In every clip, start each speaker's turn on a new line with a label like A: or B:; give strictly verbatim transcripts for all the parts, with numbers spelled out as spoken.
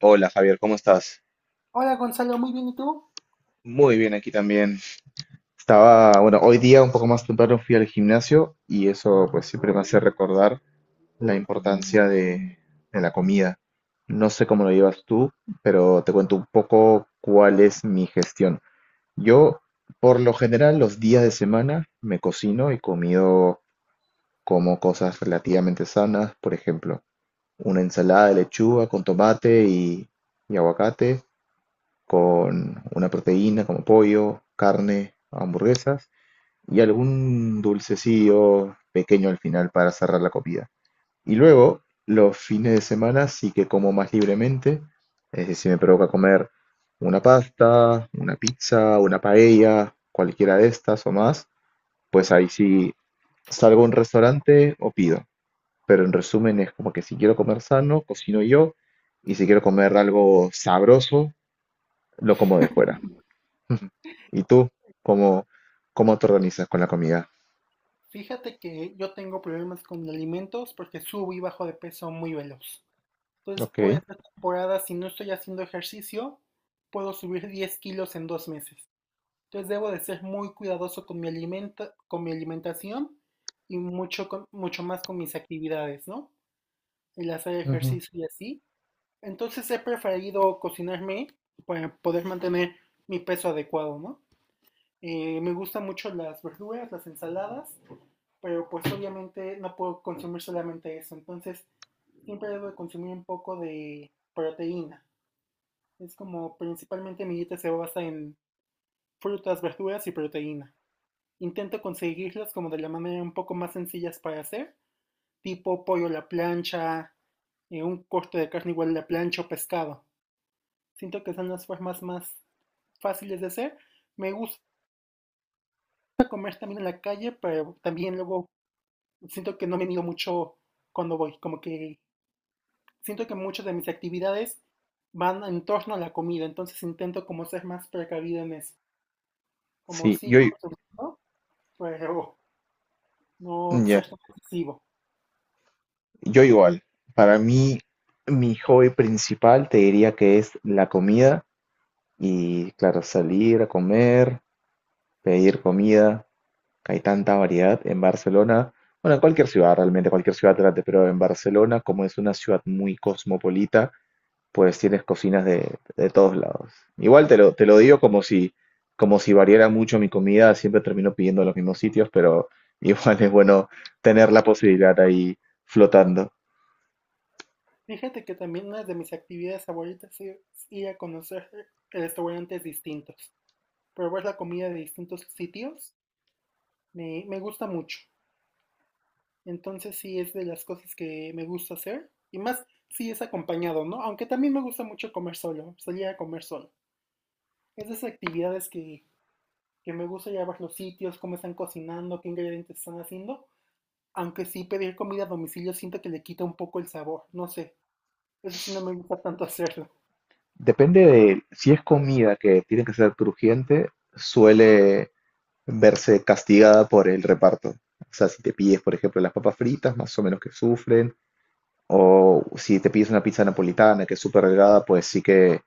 A: Hola Javier, ¿cómo estás?
B: Hola Gonzalo, muy bien, ¿y tú?
A: Muy bien, aquí también. Estaba, bueno, hoy día un poco más temprano fui al gimnasio y eso pues siempre me hace recordar la importancia de, de la comida. No sé cómo lo llevas tú, pero te cuento un poco cuál es mi gestión. Yo, por lo general, los días de semana me cocino y comido como cosas relativamente sanas, por ejemplo, una ensalada de lechuga con tomate y, y aguacate con una proteína como pollo, carne, hamburguesas y algún dulcecillo pequeño al final para cerrar la comida. Y luego, los fines de semana sí que como más libremente, es decir, me provoca comer una pasta, una pizza, una paella, cualquiera de estas o más, pues ahí sí salgo a un restaurante o pido. Pero en resumen es como que si quiero comer sano, cocino yo, y si quiero comer algo sabroso, lo como de fuera. Ujú. ¿Y tú cómo, cómo te organizas con la comida?
B: Fíjate que yo tengo problemas con alimentos porque subo y bajo de peso muy veloz. Entonces,
A: Ok.
B: por esta temporada, si no estoy haciendo ejercicio, puedo subir diez kilos en dos meses. Entonces, debo de ser muy cuidadoso con mi alimenta- con mi alimentación y mucho, con- mucho más con mis actividades, ¿no? El hacer
A: Ujú.
B: ejercicio y así. Entonces, he preferido cocinarme para poder mantener mi peso adecuado, ¿no? Eh, me gustan mucho las verduras, las ensaladas, pero pues obviamente no puedo consumir solamente eso, entonces siempre debo de consumir un poco de proteína. Es como principalmente mi dieta se basa en frutas, verduras y proteína. Intento conseguirlas como de la manera un poco más sencillas para hacer, tipo pollo a la plancha, eh, un corte de carne igual a la plancha o pescado. Siento que son las formas más fáciles de hacer. Me gusta comer también en la calle, pero también luego siento que no me mido mucho cuando voy, como que siento que muchas de mis actividades van en torno a la comida, entonces intento como ser más precavido en eso, como
A: Sí,
B: sí,
A: yo, i-
B: por pero no
A: ya,
B: ser tan excesivo.
A: yo igual. Para mí, mi hobby principal te diría que es la comida y, claro, salir a comer, pedir comida, que hay tanta variedad en Barcelona. Bueno, en cualquier ciudad, realmente, cualquier ciudad grande, pero en Barcelona, como es una ciudad muy cosmopolita, pues tienes cocinas de, de todos lados. Igual te lo, te lo digo como si, como si variara mucho mi comida, siempre termino pidiendo en los mismos sitios, pero igual es bueno tener la posibilidad ahí flotando.
B: Fíjate que también una de mis actividades favoritas es ir a conocer restaurantes distintos, probar la comida de distintos sitios, me, me gusta mucho. Entonces sí es de las cosas que me gusta hacer y más si es acompañado, ¿no? Aunque también me gusta mucho comer solo, salir a comer solo. Es de esas actividades que que me gusta llevar los sitios, cómo están cocinando, qué ingredientes están haciendo. Aunque sí, pedir comida a domicilio siento que le quita un poco el sabor, no sé. Eso sí no me gusta tanto hacerlo.
A: Depende de si es comida que tiene que ser crujiente, suele verse castigada por el reparto. O sea, si te pides, por ejemplo, las papas fritas, más o menos que sufren, o si te pides una pizza napolitana que es súper delgada, pues sí que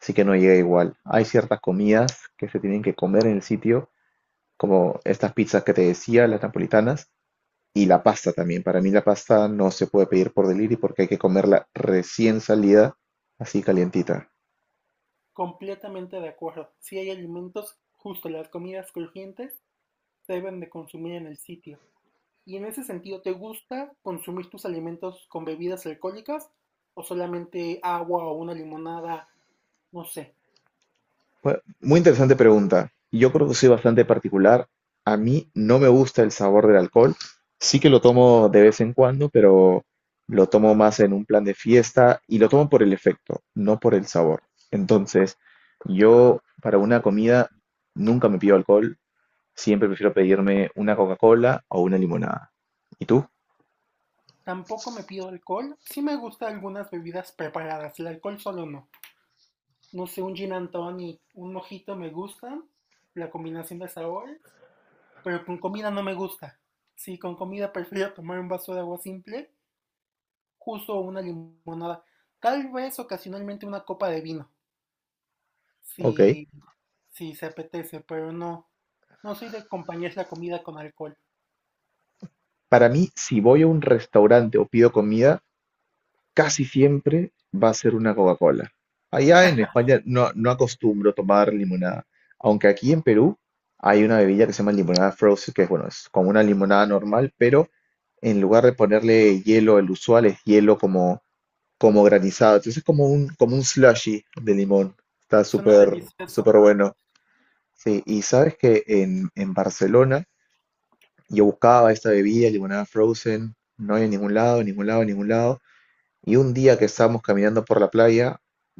A: así que no llega igual. Hay ciertas comidas que se tienen que comer en el sitio, como estas pizzas que te decía, las napolitanas, y la pasta también. Para mí la pasta no se puede pedir por delivery porque hay que comerla recién salida, así calientita.
B: Completamente de acuerdo. Si hay alimentos, justo las comidas crujientes se deben de consumir en el sitio. Y en ese sentido, ¿te gusta consumir tus alimentos con bebidas alcohólicas o solamente agua o una limonada? No sé.
A: Bueno, muy interesante pregunta. Yo creo que soy bastante particular. A mí no me gusta el sabor del alcohol. Sí que lo tomo de vez en cuando, pero lo tomo más en un plan de fiesta y lo tomo por el efecto, no por el sabor. Entonces, yo para una comida nunca me pido alcohol. Siempre prefiero pedirme una Coca-Cola o una limonada. ¿Y tú?
B: Tampoco me pido alcohol. Sí me gusta algunas bebidas preparadas, el alcohol solo no. No sé, un gin and tonic, un mojito me gusta, la combinación de sabores, pero con comida no me gusta. Sí, con comida prefiero tomar un vaso de agua simple, justo una limonada. Tal vez ocasionalmente una copa de vino,
A: Ok.
B: si, si se apetece, pero no. No soy de acompañar la comida con alcohol.
A: Para mí, si voy a un restaurante o pido comida, casi siempre va a ser una Coca-Cola. Allá en España no, no acostumbro tomar limonada, aunque aquí en Perú hay una bebida que se llama limonada frozen, que es bueno, es como una limonada normal, pero en lugar de ponerle hielo, el usual es hielo como, como granizado. Entonces es como un, como un slushy de limón. Está
B: Suena
A: súper,
B: delicioso.
A: súper bueno. Sí, y sabes que en, en Barcelona yo buscaba esta bebida, limonada frozen, no hay en ningún lado, en ningún lado, en ningún lado. Y un día que estábamos caminando por la playa,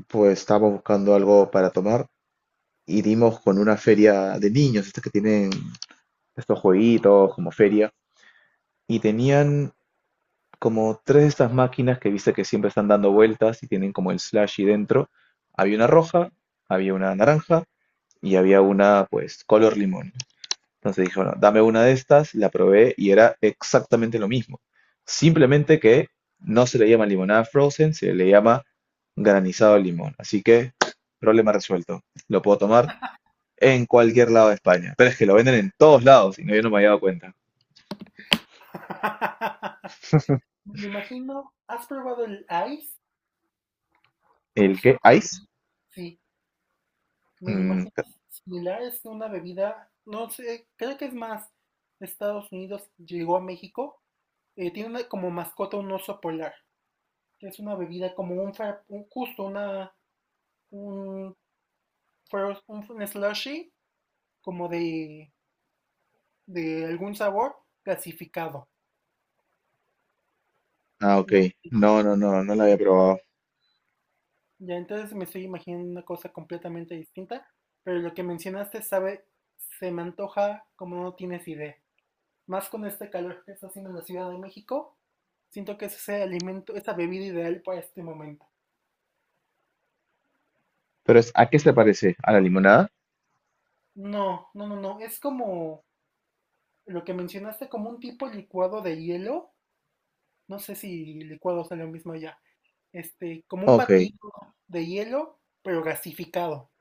A: pues estábamos buscando algo para tomar y dimos con una feria de niños, estas que tienen estos jueguitos como feria, y tenían como tres de estas máquinas que viste que siempre están dando vueltas y tienen como el slashy dentro. Había una roja, había una naranja y había una pues color limón. Entonces dije, bueno, dame una de estas, la probé y era exactamente lo mismo. Simplemente que no se le llama limonada frozen, se le llama granizado de limón. Así que, problema resuelto. Lo puedo tomar en cualquier lado de España. Pero es que lo venden en todos lados y no, yo no me había dado cuenta.
B: Me lo imagino, ¿has probado el ice?
A: ¿El
B: Es
A: qué?
B: una
A: ¿Ice?
B: bebida, sí. Me lo
A: Mm,
B: imagino similar, es una bebida, no sé, creo que es más de Estados Unidos, llegó a México. Eh, tiene una- como mascota un oso polar, que es una bebida como un, fra- un- justo una, un, fro- un, un slushy, como de, de algún sabor gasificado.
A: ah, ok.
B: No sé,
A: No, no, no, no lo había probado.
B: ya entonces me estoy imaginando una cosa completamente distinta, pero lo que mencionaste, sabe, se me antoja como no tienes idea. Más con este calor que está haciendo en la Ciudad de México, siento que es ese alimento, esa bebida ideal para este momento.
A: Pero es, ¿a qué se parece? ¿A la limonada?
B: No, no, no, no, es como lo que mencionaste, como un tipo licuado de hielo, no sé si licuado sea lo mismo allá, este, como un
A: Ok,
B: batido de hielo, pero gasificado,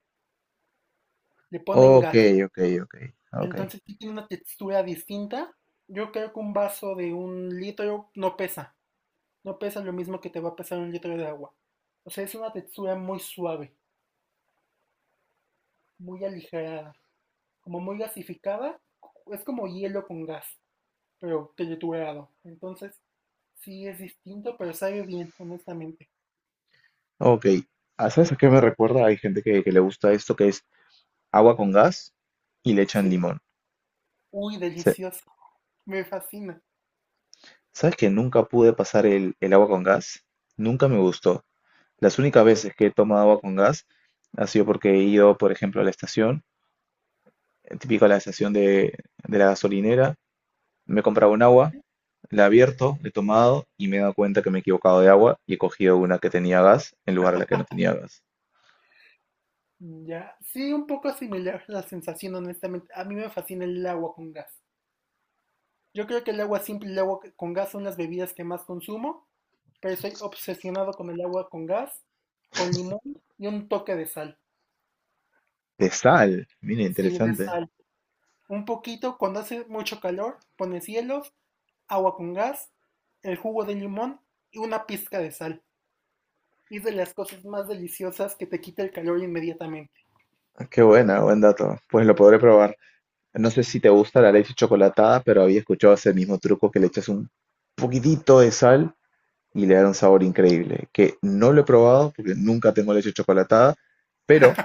B: le ponen
A: ok,
B: gas,
A: ok, ok, ok,
B: entonces sí tiene una textura distinta. Yo creo que un vaso de un litro no pesa, no pesa lo mismo que te va a pesar un litro de agua. O sea, es una textura muy suave, muy aligerada, como muy gasificada, es como hielo con gas, pero triturado. Entonces, sí es distinto, pero sabe bien, honestamente.
A: ok. Ah, ¿sabes a qué me recuerda? Hay gente que, que le gusta esto, que es agua con gas y le echan
B: Sí,
A: limón.
B: uy,
A: Se-
B: delicioso, me fascina.
A: ¿Sabes que nunca pude pasar el, el agua con gas? Nunca me gustó. Las únicas veces que he tomado agua con gas ha sido porque he ido, por ejemplo, a la estación, eh, típico a la estación de, de la gasolinera, me he comprado un agua, la he abierto, la he tomado y me he dado cuenta que me he equivocado de agua y he cogido una que tenía gas en lugar de la que no tenía gas.
B: Ya, sí, un poco similar la sensación, honestamente. A mí me fascina el agua con gas. Yo creo que el agua simple y el agua con gas son las bebidas que más consumo, pero soy obsesionado con el agua con gas, con limón y un toque de sal.
A: De sal, mira,
B: Sí, de
A: interesante.
B: sal. Un poquito, cuando hace mucho calor, pones hielos, agua con gas, el jugo de limón y una pizca de sal. Y es de las cosas más deliciosas que te quita el calor inmediatamente.
A: Ah, qué buena, buen dato. Pues lo podré probar. No sé si te gusta la leche chocolatada, pero había escuchado ese mismo truco que le echas un poquitito de sal y le da un sabor increíble, que no lo he probado porque nunca tengo leche chocolatada, pero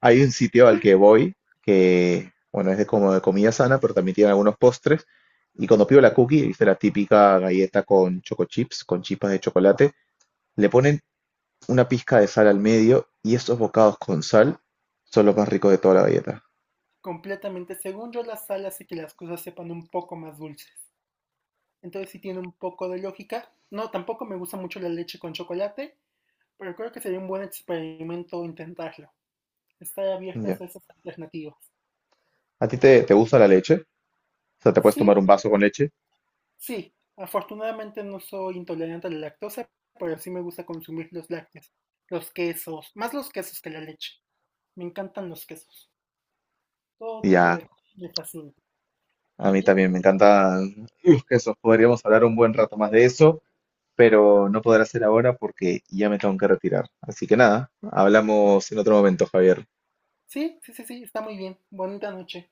A: hay un sitio al que voy que, bueno, es de como de comida sana, pero también tiene algunos postres. Y cuando pido la cookie, viste la típica galleta con choco chips, con chispas de chocolate, le ponen una pizca de sal al medio y esos bocados con sal son los más ricos de toda la galleta.
B: Completamente, según yo, la sal hace que las cosas sepan un poco más dulces. Entonces sí tiene un poco de lógica. No, tampoco me gusta mucho la leche con chocolate, pero creo que sería un buen experimento intentarlo. Estar abiertas
A: Ya.
B: a esas alternativas.
A: ¿A ti te, te gusta la leche? O sea, te puedes
B: Sí,
A: tomar un vaso con leche
B: sí. Afortunadamente no soy intolerante a la lactosa, pero sí me gusta consumir los lácteos, los quesos, más los quesos que la leche. Me encantan los quesos. Todo
A: y
B: tipo
A: ya,
B: de quesos me fascina.
A: a
B: ¿A
A: mí
B: ti?
A: también me encanta uf, eso. Podríamos hablar un buen rato más de eso, pero no podrá ser ahora porque ya me tengo que retirar. Así que nada, hablamos en otro momento, Javier.
B: Sí, sí, sí, sí, está muy bien. Bonita noche.